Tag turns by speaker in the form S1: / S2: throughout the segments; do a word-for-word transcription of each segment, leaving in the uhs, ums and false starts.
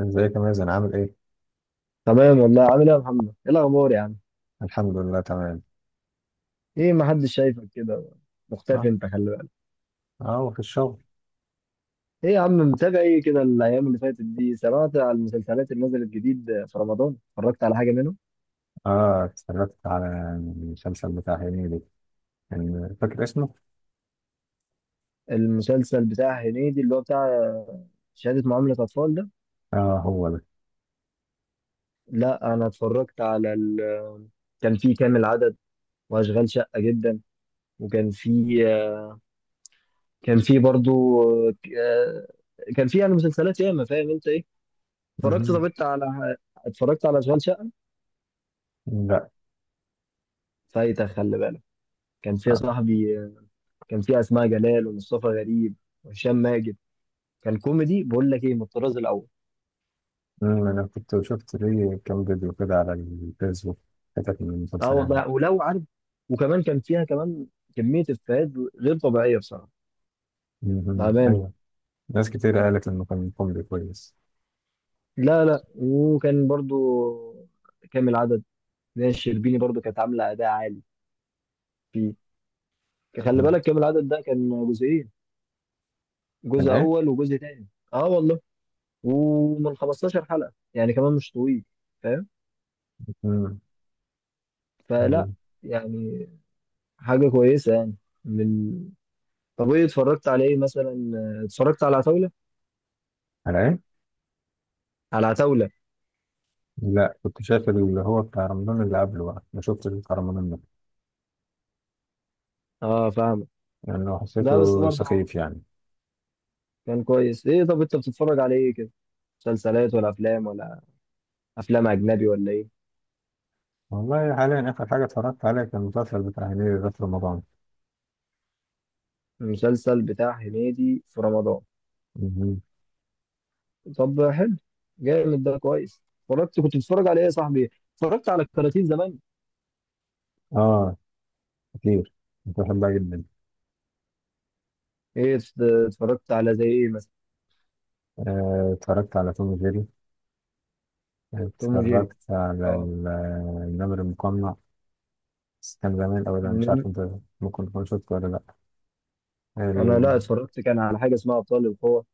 S1: ازيك يا مازن، عامل ايه؟
S2: تمام والله عامل ايه يا محمد؟ ايه الاخبار يا عم؟
S1: الحمد لله، تمام.
S2: ايه ما حدش شايفك كده مختفي
S1: اه.
S2: انت خلي بالك.
S1: اه وفي الشغل.
S2: ايه يا عم متابع ايه كده الايام اللي فاتت دي؟ سمعت على المسلسلات اللي نزلت جديد في رمضان؟ اتفرجت على حاجه منهم؟
S1: اه اتفرجت على المسلسل بتاع هنيدي، كان فاكر اسمه؟
S2: المسلسل بتاع هنيدي اللي هو بتاع شهاده معامله اطفال ده؟
S1: اه، هو ده.
S2: لا انا اتفرجت على ال... كان في كامل عدد واشغال شقه جدا وكان في كان في برضو آه، كان في يعني مسلسلات ياما فاهم انت ايه؟ اتفرجت طب
S1: مهم.
S2: انت على اتفرجت على اشغال شقه؟
S1: لا.
S2: فايتك خلي بالك. كان فيها
S1: آه.
S2: صاحبي كان فيها اسماء جلال ومصطفى غريب وهشام ماجد، كان كوميدي بقول لك ايه من الطراز الاول.
S1: مم، انا كنت شفت ليه كام فيديو كده على الفيسبوك، حتت من
S2: اه
S1: المسلسل يعني.
S2: والله ولو عارف، وكمان كان فيها كمان كميه افيهات غير طبيعيه بصراحه،
S1: مهم.
S2: بامانه.
S1: ايوه، ناس كتير قالت انه كان كوميدي كويس.
S2: لا لا، وكان برضو كامل عدد، ناس شربيني برضو كانت عامله اداء عالي فيه. خلي
S1: مم.
S2: بالك كامل العدد ده كان جزئين،
S1: كان
S2: جزء
S1: ايه؟
S2: اول وجزء تاني. اه والله ومن خمس عشرة حلقة حلقه، يعني كمان مش طويل، فاهم؟
S1: مم.
S2: فلا
S1: مم.
S2: يعني حاجه كويسه يعني. من طب ايه اتفرجت على ايه مثلا؟ آه، اتفرجت على عتاولة،
S1: على ايه؟
S2: على عتاولة.
S1: لا، كنت شايف اللي هو بتاع رمضان اللي قبله، بقى ما شفتش بتاع رمضان ده
S2: اه فاهمك.
S1: لانه
S2: ده بس
S1: حسيته
S2: برضه
S1: سخيف يعني.
S2: كان كويس. ايه طب انت بتتفرج على ايه كده؟ مسلسلات ولا افلام ولا افلام اجنبي ولا ايه؟
S1: والله حاليا آخر حاجة اتفرجت عليها كان المسلسل بتاع هنيدي ده في رمضان.
S2: المسلسل بتاع هنيدي في رمضان؟
S1: مهم.
S2: طب حلو، جامد ده كويس. اتفرجت كنت بتتفرج على ايه يا صاحبي؟ اتفرجت على الكراتين زمان؟
S1: آه، كتير. كنت بحبها جدا.
S2: ايه ات- اتفرجت على زي ايه مثلا؟
S1: آه، اتفرجت على توم وجيري.
S2: توم وجيري،
S1: اتفرجت على
S2: اه.
S1: ال- النمر المقنع. بس كان زمان أوي ده، مش عارف
S2: مم.
S1: أنت ممكن تكون شفته ولا لأ.
S2: انا
S1: ال...
S2: لا اتفرجت كان على حاجة اسمها ابطال القوة،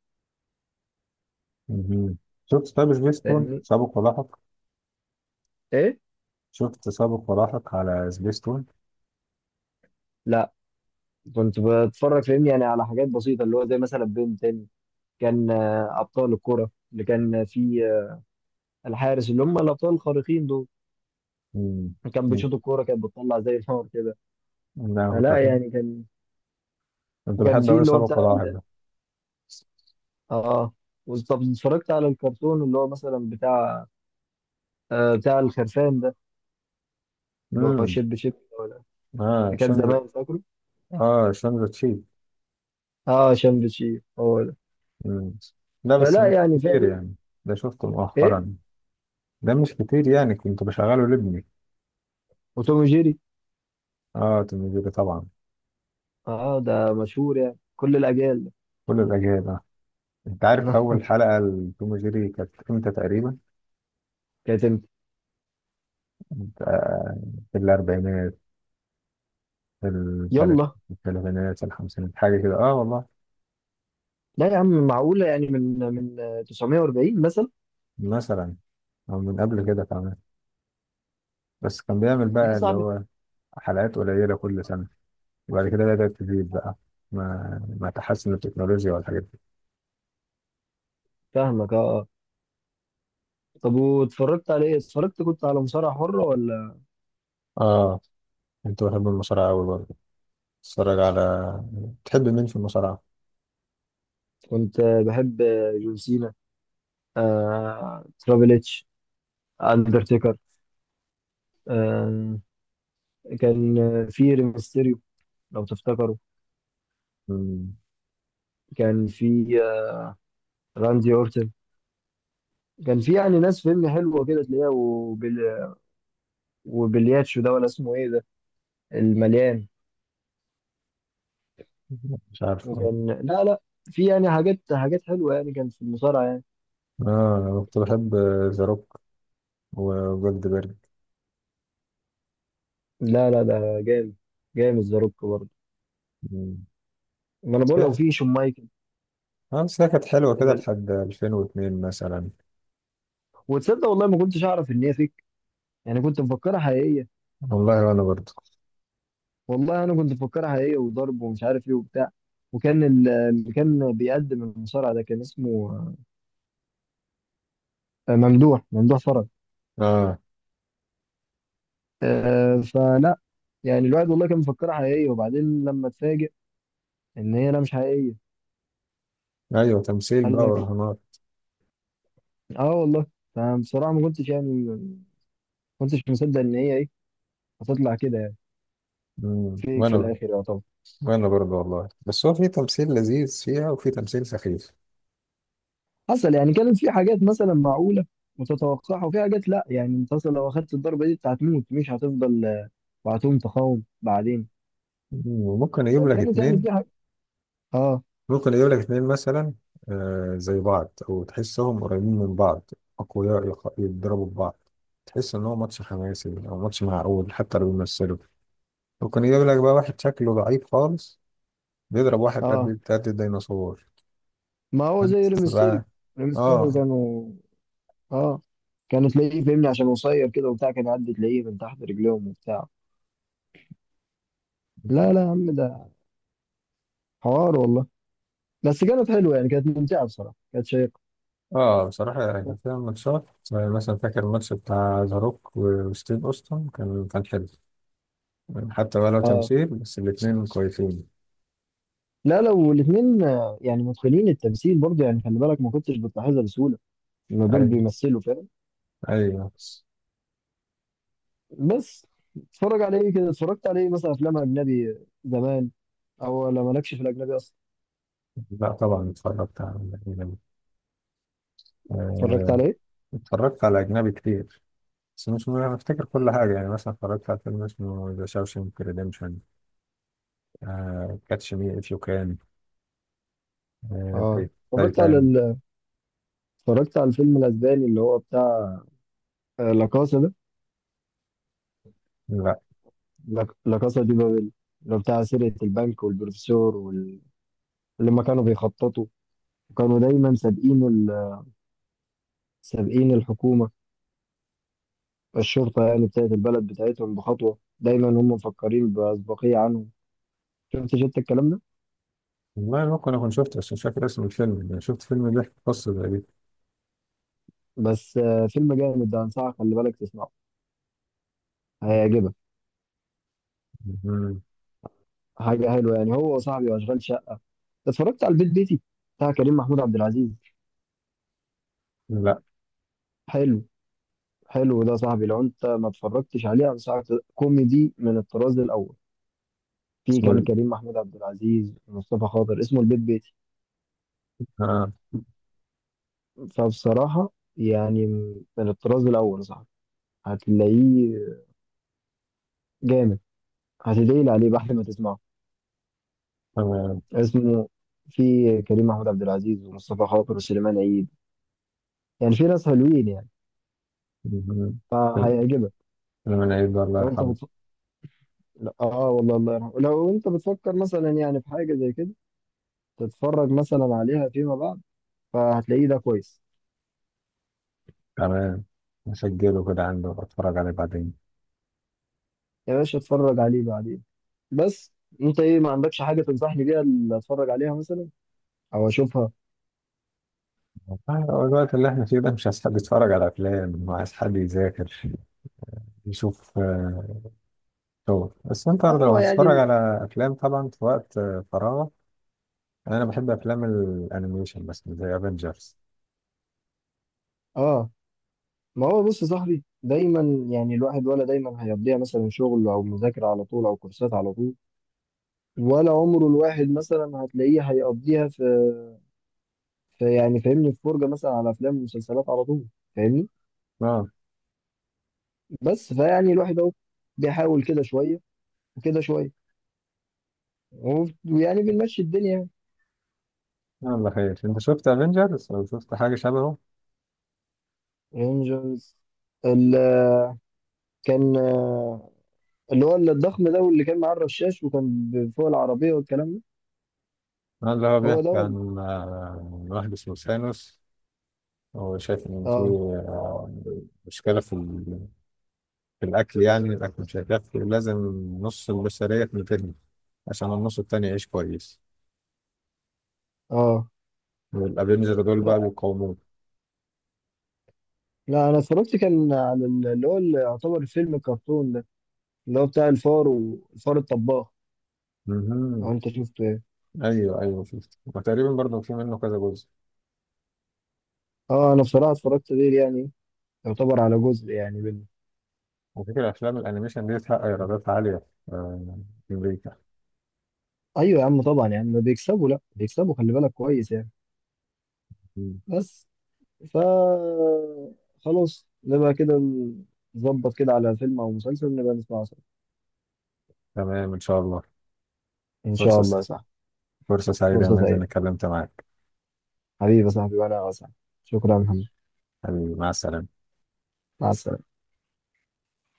S1: مهم. شفت طب سبيستون
S2: فاهمني؟
S1: سابق ولاحق؟
S2: ايه،
S1: شفت سابق ولاحق على سبيستون.
S2: لا كنت بتفرج فاهمني يعني على حاجات بسيطه اللي هو زي مثلا بنتين، كان آه، ابطال الكره اللي كان في آه، الحارس اللي هم الابطال الخارقين دول،
S1: مم.
S2: كان
S1: مم.
S2: بيشوط الكوره كانت بتطلع زي النار كده.
S1: لا، كنت
S2: فلا
S1: بحب-
S2: يعني كان،
S1: كنت
S2: وكان
S1: بحب
S2: في
S1: أوي
S2: اللي هو
S1: سابق
S2: بتاع
S1: ولاحق
S2: ال-
S1: ده.
S2: اه. وز- طب اتفرجت على الكرتون اللي هو مثلا بتاع آه بتاع الخرفان ده، اللي هو
S1: امم.
S2: شيب شيب، ولا
S1: اه،
S2: اللي كان
S1: شنز.
S2: زمان فاكره؟
S1: اه، شنز تشي.
S2: اه شمب شيب هو ده.
S1: مم. لا بس
S2: فلا
S1: مش
S2: يعني
S1: كتير
S2: فاهم.
S1: يعني، ده شفته
S2: ايه
S1: مؤخرا. ده مش كتير يعني، كنت بشغله لابني.
S2: وتوم جيري؟
S1: اه، توم وجيري طبعا،
S2: اه ده مشهور يعني كل الاجيال ده.
S1: كل الأجيال. انت عارف أول حلقة لتوم وجيري كانت امتى تقريبا؟
S2: كانت امتى؟
S1: كانت، آه، في الأربعينات. في التلات-
S2: يلا،
S1: في الثلاثينات، في الخمسينات، حاجة كده اه والله.
S2: لا يا عم معقولة؟ يعني من من تسعمية واربعين مثلا؟
S1: مثلا أو من قبل كده كمان. بس كان بيعمل
S2: يا
S1: بقى اللي
S2: صاحبي
S1: هو حلقات قليلة كل سنة، وبعد كده بدأت تزيد بقى ما ما تحسن التكنولوجيا والحاجات دي.
S2: فاهمك. اه آه. طب واتفرجت على ايه؟ اتفرجت كنت على مصارعة حرة ولا؟
S1: اه، انتوا بتحبوا المصارعة أوي برضه. اتفرج على، تحب مين في المصارعة؟
S2: كنت بحب جون سينا، آه، ترابل اتش، اندرتيكر، آه، كان في ريمستيريو لو تفتكروا،
S1: مم.
S2: كان في آه، راندي اورتن. كان في يعني ناس فيلم حلوة كده تلاقيها وبال... وبلياتشو ده، ولا اسمه ايه ده المليان؟
S1: مش عارف والله.
S2: وكان لا لا في يعني حاجات حاجات حلوة يعني كان في المصارعة يعني.
S1: اه، انا كنت بحب ذا روك وجولدبرج.
S2: لا لا ده جامد، جامد ذا روك برضه.
S1: مم،
S2: ما انا
S1: بس
S2: بقول لو
S1: هي-
S2: في شون مايكل.
S1: اه بس هي كانت حلوة كده
S2: كان-
S1: لحد ألفين واثنين مثلا.
S2: وتصدق والله ما كنتش اعرف ان هي فيك، يعني كنت مفكرها حقيقيه.
S1: والله وانا برضه.
S2: والله انا كنت مفكرها حقيقيه، وضرب ومش عارف ايه وبتاع. وكان ال- اللي كان بيقدم المصارع ده كان اسمه آه، ممدوح ممدوح فرج.
S1: اه،
S2: آه، فلا يعني الواحد والله كان مفكرها حقيقيه، وبعدين لما اتفاجئ ان هي لا مش حقيقيه.
S1: ايوه، تمثيل
S2: قال
S1: بقى
S2: لك
S1: ورهانات.
S2: اه والله. فبصراحه ما كنتش يعني ما كنتش مصدق ان هي ايه هتطلع كده يعني.
S1: مم،
S2: فيك في
S1: وانا ب-
S2: الاخر يعتبر
S1: وانا برضه والله، بس هو في تمثيل لذيذ فيها وفي تمثيل سخيف.
S2: حصل يعني، كانت في حاجات مثلا معقولة متتوقعة، وفي حاجات لا يعني انت اصلا لو اخدت الضربة دي انت هتموت مش هتفضل آه، وهتقوم تقاوم بعدين.
S1: مم، وممكن اجيب لك
S2: فكانت يعني
S1: اتنين.
S2: في حاجة، اه.
S1: ممكن يجيب لك اتنين مثلا، آه، زي بعض او تحسهم قريبين من بعض، اقوياء، يق- يتضربوا في بعض، تحس ان هو ماتش حماسي او ماتش معقول حتى لو بيمثلوا. ممكن يجيب لك بقى واحد شكله ضعيف خالص بيضرب واحد
S2: اه
S1: قد قد الديناصور.
S2: ما هو
S1: فانت
S2: زي ريمستيريو.
S1: بقى.
S2: ريمستيريو
S1: اه.
S2: كانوا، اه، كانوا تلاقيه فاهمني عشان قصير كده وبتاع، كان يعدي تلاقيه من تحت رجليهم وبتاع. لا لا يا عم ده حوار والله. بس كانت حلوة يعني، كانت ممتعة بصراحة، كانت شيقة.
S1: اه بصراحة يعني فيها ماتشات زي مثلا، فاكر الماتش بتاع ذا روك وستيف اوستن، كان كان حلو، حتى بقى لو
S2: اه
S1: تمثيل بس الاتنين كويسين.
S2: لا، لو الاثنين يعني متقنين التمثيل برضه، يعني خلي بالك ما كنتش بتلاحظها بسهولة ان دول
S1: ايوه،
S2: بيمثلوا، فاهم؟
S1: ايوه.
S2: بس اتفرج على ايه كده؟ اتفرجت على ايه مثلا افلام اجنبي زمان، او ولا مالكش في الاجنبي اصلا؟
S1: لا طبعا اتفرجت على،
S2: اتفرجت
S1: آه،
S2: على ايه؟
S1: اتفرجت على أجنبي كتير بس مش م- أنا أفتكر كل حاجة، يعني مثلا اتفرجت على فيلم اسمه ذا شاوشنك ريديمشن، كاتش مي إف يو كان،
S2: اه اتفرجت على
S1: تايتان.
S2: ال... اتفرجت على الفيلم الاسباني اللي هو بتاع آه، لا كاسا ده،
S1: لا
S2: لا لا كاسا دي بابل، اللي هو بتاع سرقة البنك والبروفيسور وال... اللي ما كانوا بيخططوا، وكانوا دايما سابقين ال... سابقين الحكومة، الشرطة يعني بتاعت البلد بتاعتهم، بخطوة دايما هم مفكرين بأسبقية عنهم. شفت شفت الكلام ده؟
S1: والله ممكن أكون شفته بس مش فاكر اسم الفيلم، يعني شفت فيلم بيحكي قصة زي دي.
S2: بس آه، فيلم جامد ده، انصحك خلي بالك تسمعه، هيعجبك.
S1: مهم.
S2: حاجة حلوة يعني هو وصاحبي وأشغال شقة. اتفرجت على البيت بيتي بتاع كريم محمود عبد العزيز؟
S1: لا،
S2: حلو، حلو ده صاحبي، لو أنت ما اتفرجتش عليه أنصحك، كوميدي من الطراز الأول. في
S1: اسمه
S2: كان
S1: ال-
S2: كريم محمود عبد العزيز ومصطفى خاطر، اسمه البيت بيتي.
S1: آه
S2: فبصراحة يعني من الطراز الأول صاحبي، هتلاقيه جامد، هتدعي لي عليه بعد ما تسمعه.
S1: تمام.
S2: اسمه في كريم محمود عبد العزيز ومصطفى خاطر وسليمان عيد، يعني في ناس حلوين يعني،
S1: مهم. فيلم
S2: فهيعجبك.
S1: فيلم العيد الله
S2: لو أنت
S1: يرحمه.
S2: لا اه والله الله يرحمه. لو انت بتفكر مثلا يعني في حاجه زي كده تتفرج مثلا عليها فيما بعد، فهتلاقيه ده كويس.
S1: تمام، مسجله كده عنده، اتفرج عليه بعدين.
S2: يا باشا اتفرج عليه بعدين. بس انت ايه ما عندكش حاجه تنصحني بيها اللي اتفرج عليها مثلا او اشوفها؟
S1: والله هو الوقت اللي احنا فيه ده مش عايز حد يتفرج على افلام، وعايز حد يذاكر، يشوف آه، شغل. بس انت لو
S2: هو يعني
S1: هتتفرج
S2: ال-
S1: على افلام طبعا في وقت آه، فراغك. انا بحب افلام الانيميشن بس زي افنجرز.
S2: اه ما هو بص يا صاحبي، دايما يعني الواحد ولا دايما هيقضيها مثلا شغل او مذاكره على طول، او كورسات على طول، ولا عمره الواحد مثلا هتلاقيه هيقضيها في, في يعني فاهمني في فرجه مثلا على افلام ومسلسلات على طول، فاهمني؟
S1: اه.
S2: بس فيعني الواحد اهو بيحاول كده شويه وكده شويه، و- ويعني بنمشي الدنيا يعني.
S1: آه، الله خير. انت شفت افنجرز او شفت حاجه شبهه؟
S2: رينجرز ال- كان آه، اللي هو الضخم ده، واللي كان معاه الرشاش وكان ب- فوق العربيه والكلام ده.
S1: آه، اللي هو
S2: هو ده
S1: بيحكي
S2: ولا؟
S1: عن آه، واحد اسمه ثانوس. هو شايف ان في
S2: اه
S1: آه، مشكله في ال- في الاكل، يعني الاكل مش هيكفي، لازم نص البشريه تنتهي عشان النص التاني يعيش كويس،
S2: اه.
S1: والافنجر دول
S2: لا
S1: بقى بيقاوموه.
S2: لا انا اتفرجت كان على ال- اللي هو اللي يعتبر فيلم الكرتون ده اللي هو بتاع الفار والفار الطباخ، لو
S1: مهم.
S2: انت شفته يعني.
S1: ايوه، ايوه، شفت، وتقريبا برضه في منه كذا جزء.
S2: اه انا بصراحه اتفرجت غير يعني، يعتبر على جزء يعني منه.
S1: على فكرة أفلام الأنيميشن دي تحقق إيرادات عالية آه، في أمريكا.
S2: ايوه يا عم طبعا، يعني بيكسبوا، لا بيكسبوا خلي بالك كويس يعني.
S1: مم.
S2: بس ف خلاص نبقى كده، نظبط كده على فيلم أو مسلسل نبقى نسمعه سوا.
S1: تمام إن شاء الله.
S2: إن شاء
S1: فرصة
S2: الله صح.
S1: فرصة سعيدة يا
S2: فرصة
S1: مازن
S2: سعيدة
S1: إني اتكلمت معاك.
S2: حبيبي يا صاحبي وأنا أسعد. شكرا يا محمد.
S1: حبيبي، مع السلامة.
S2: مع السلامة.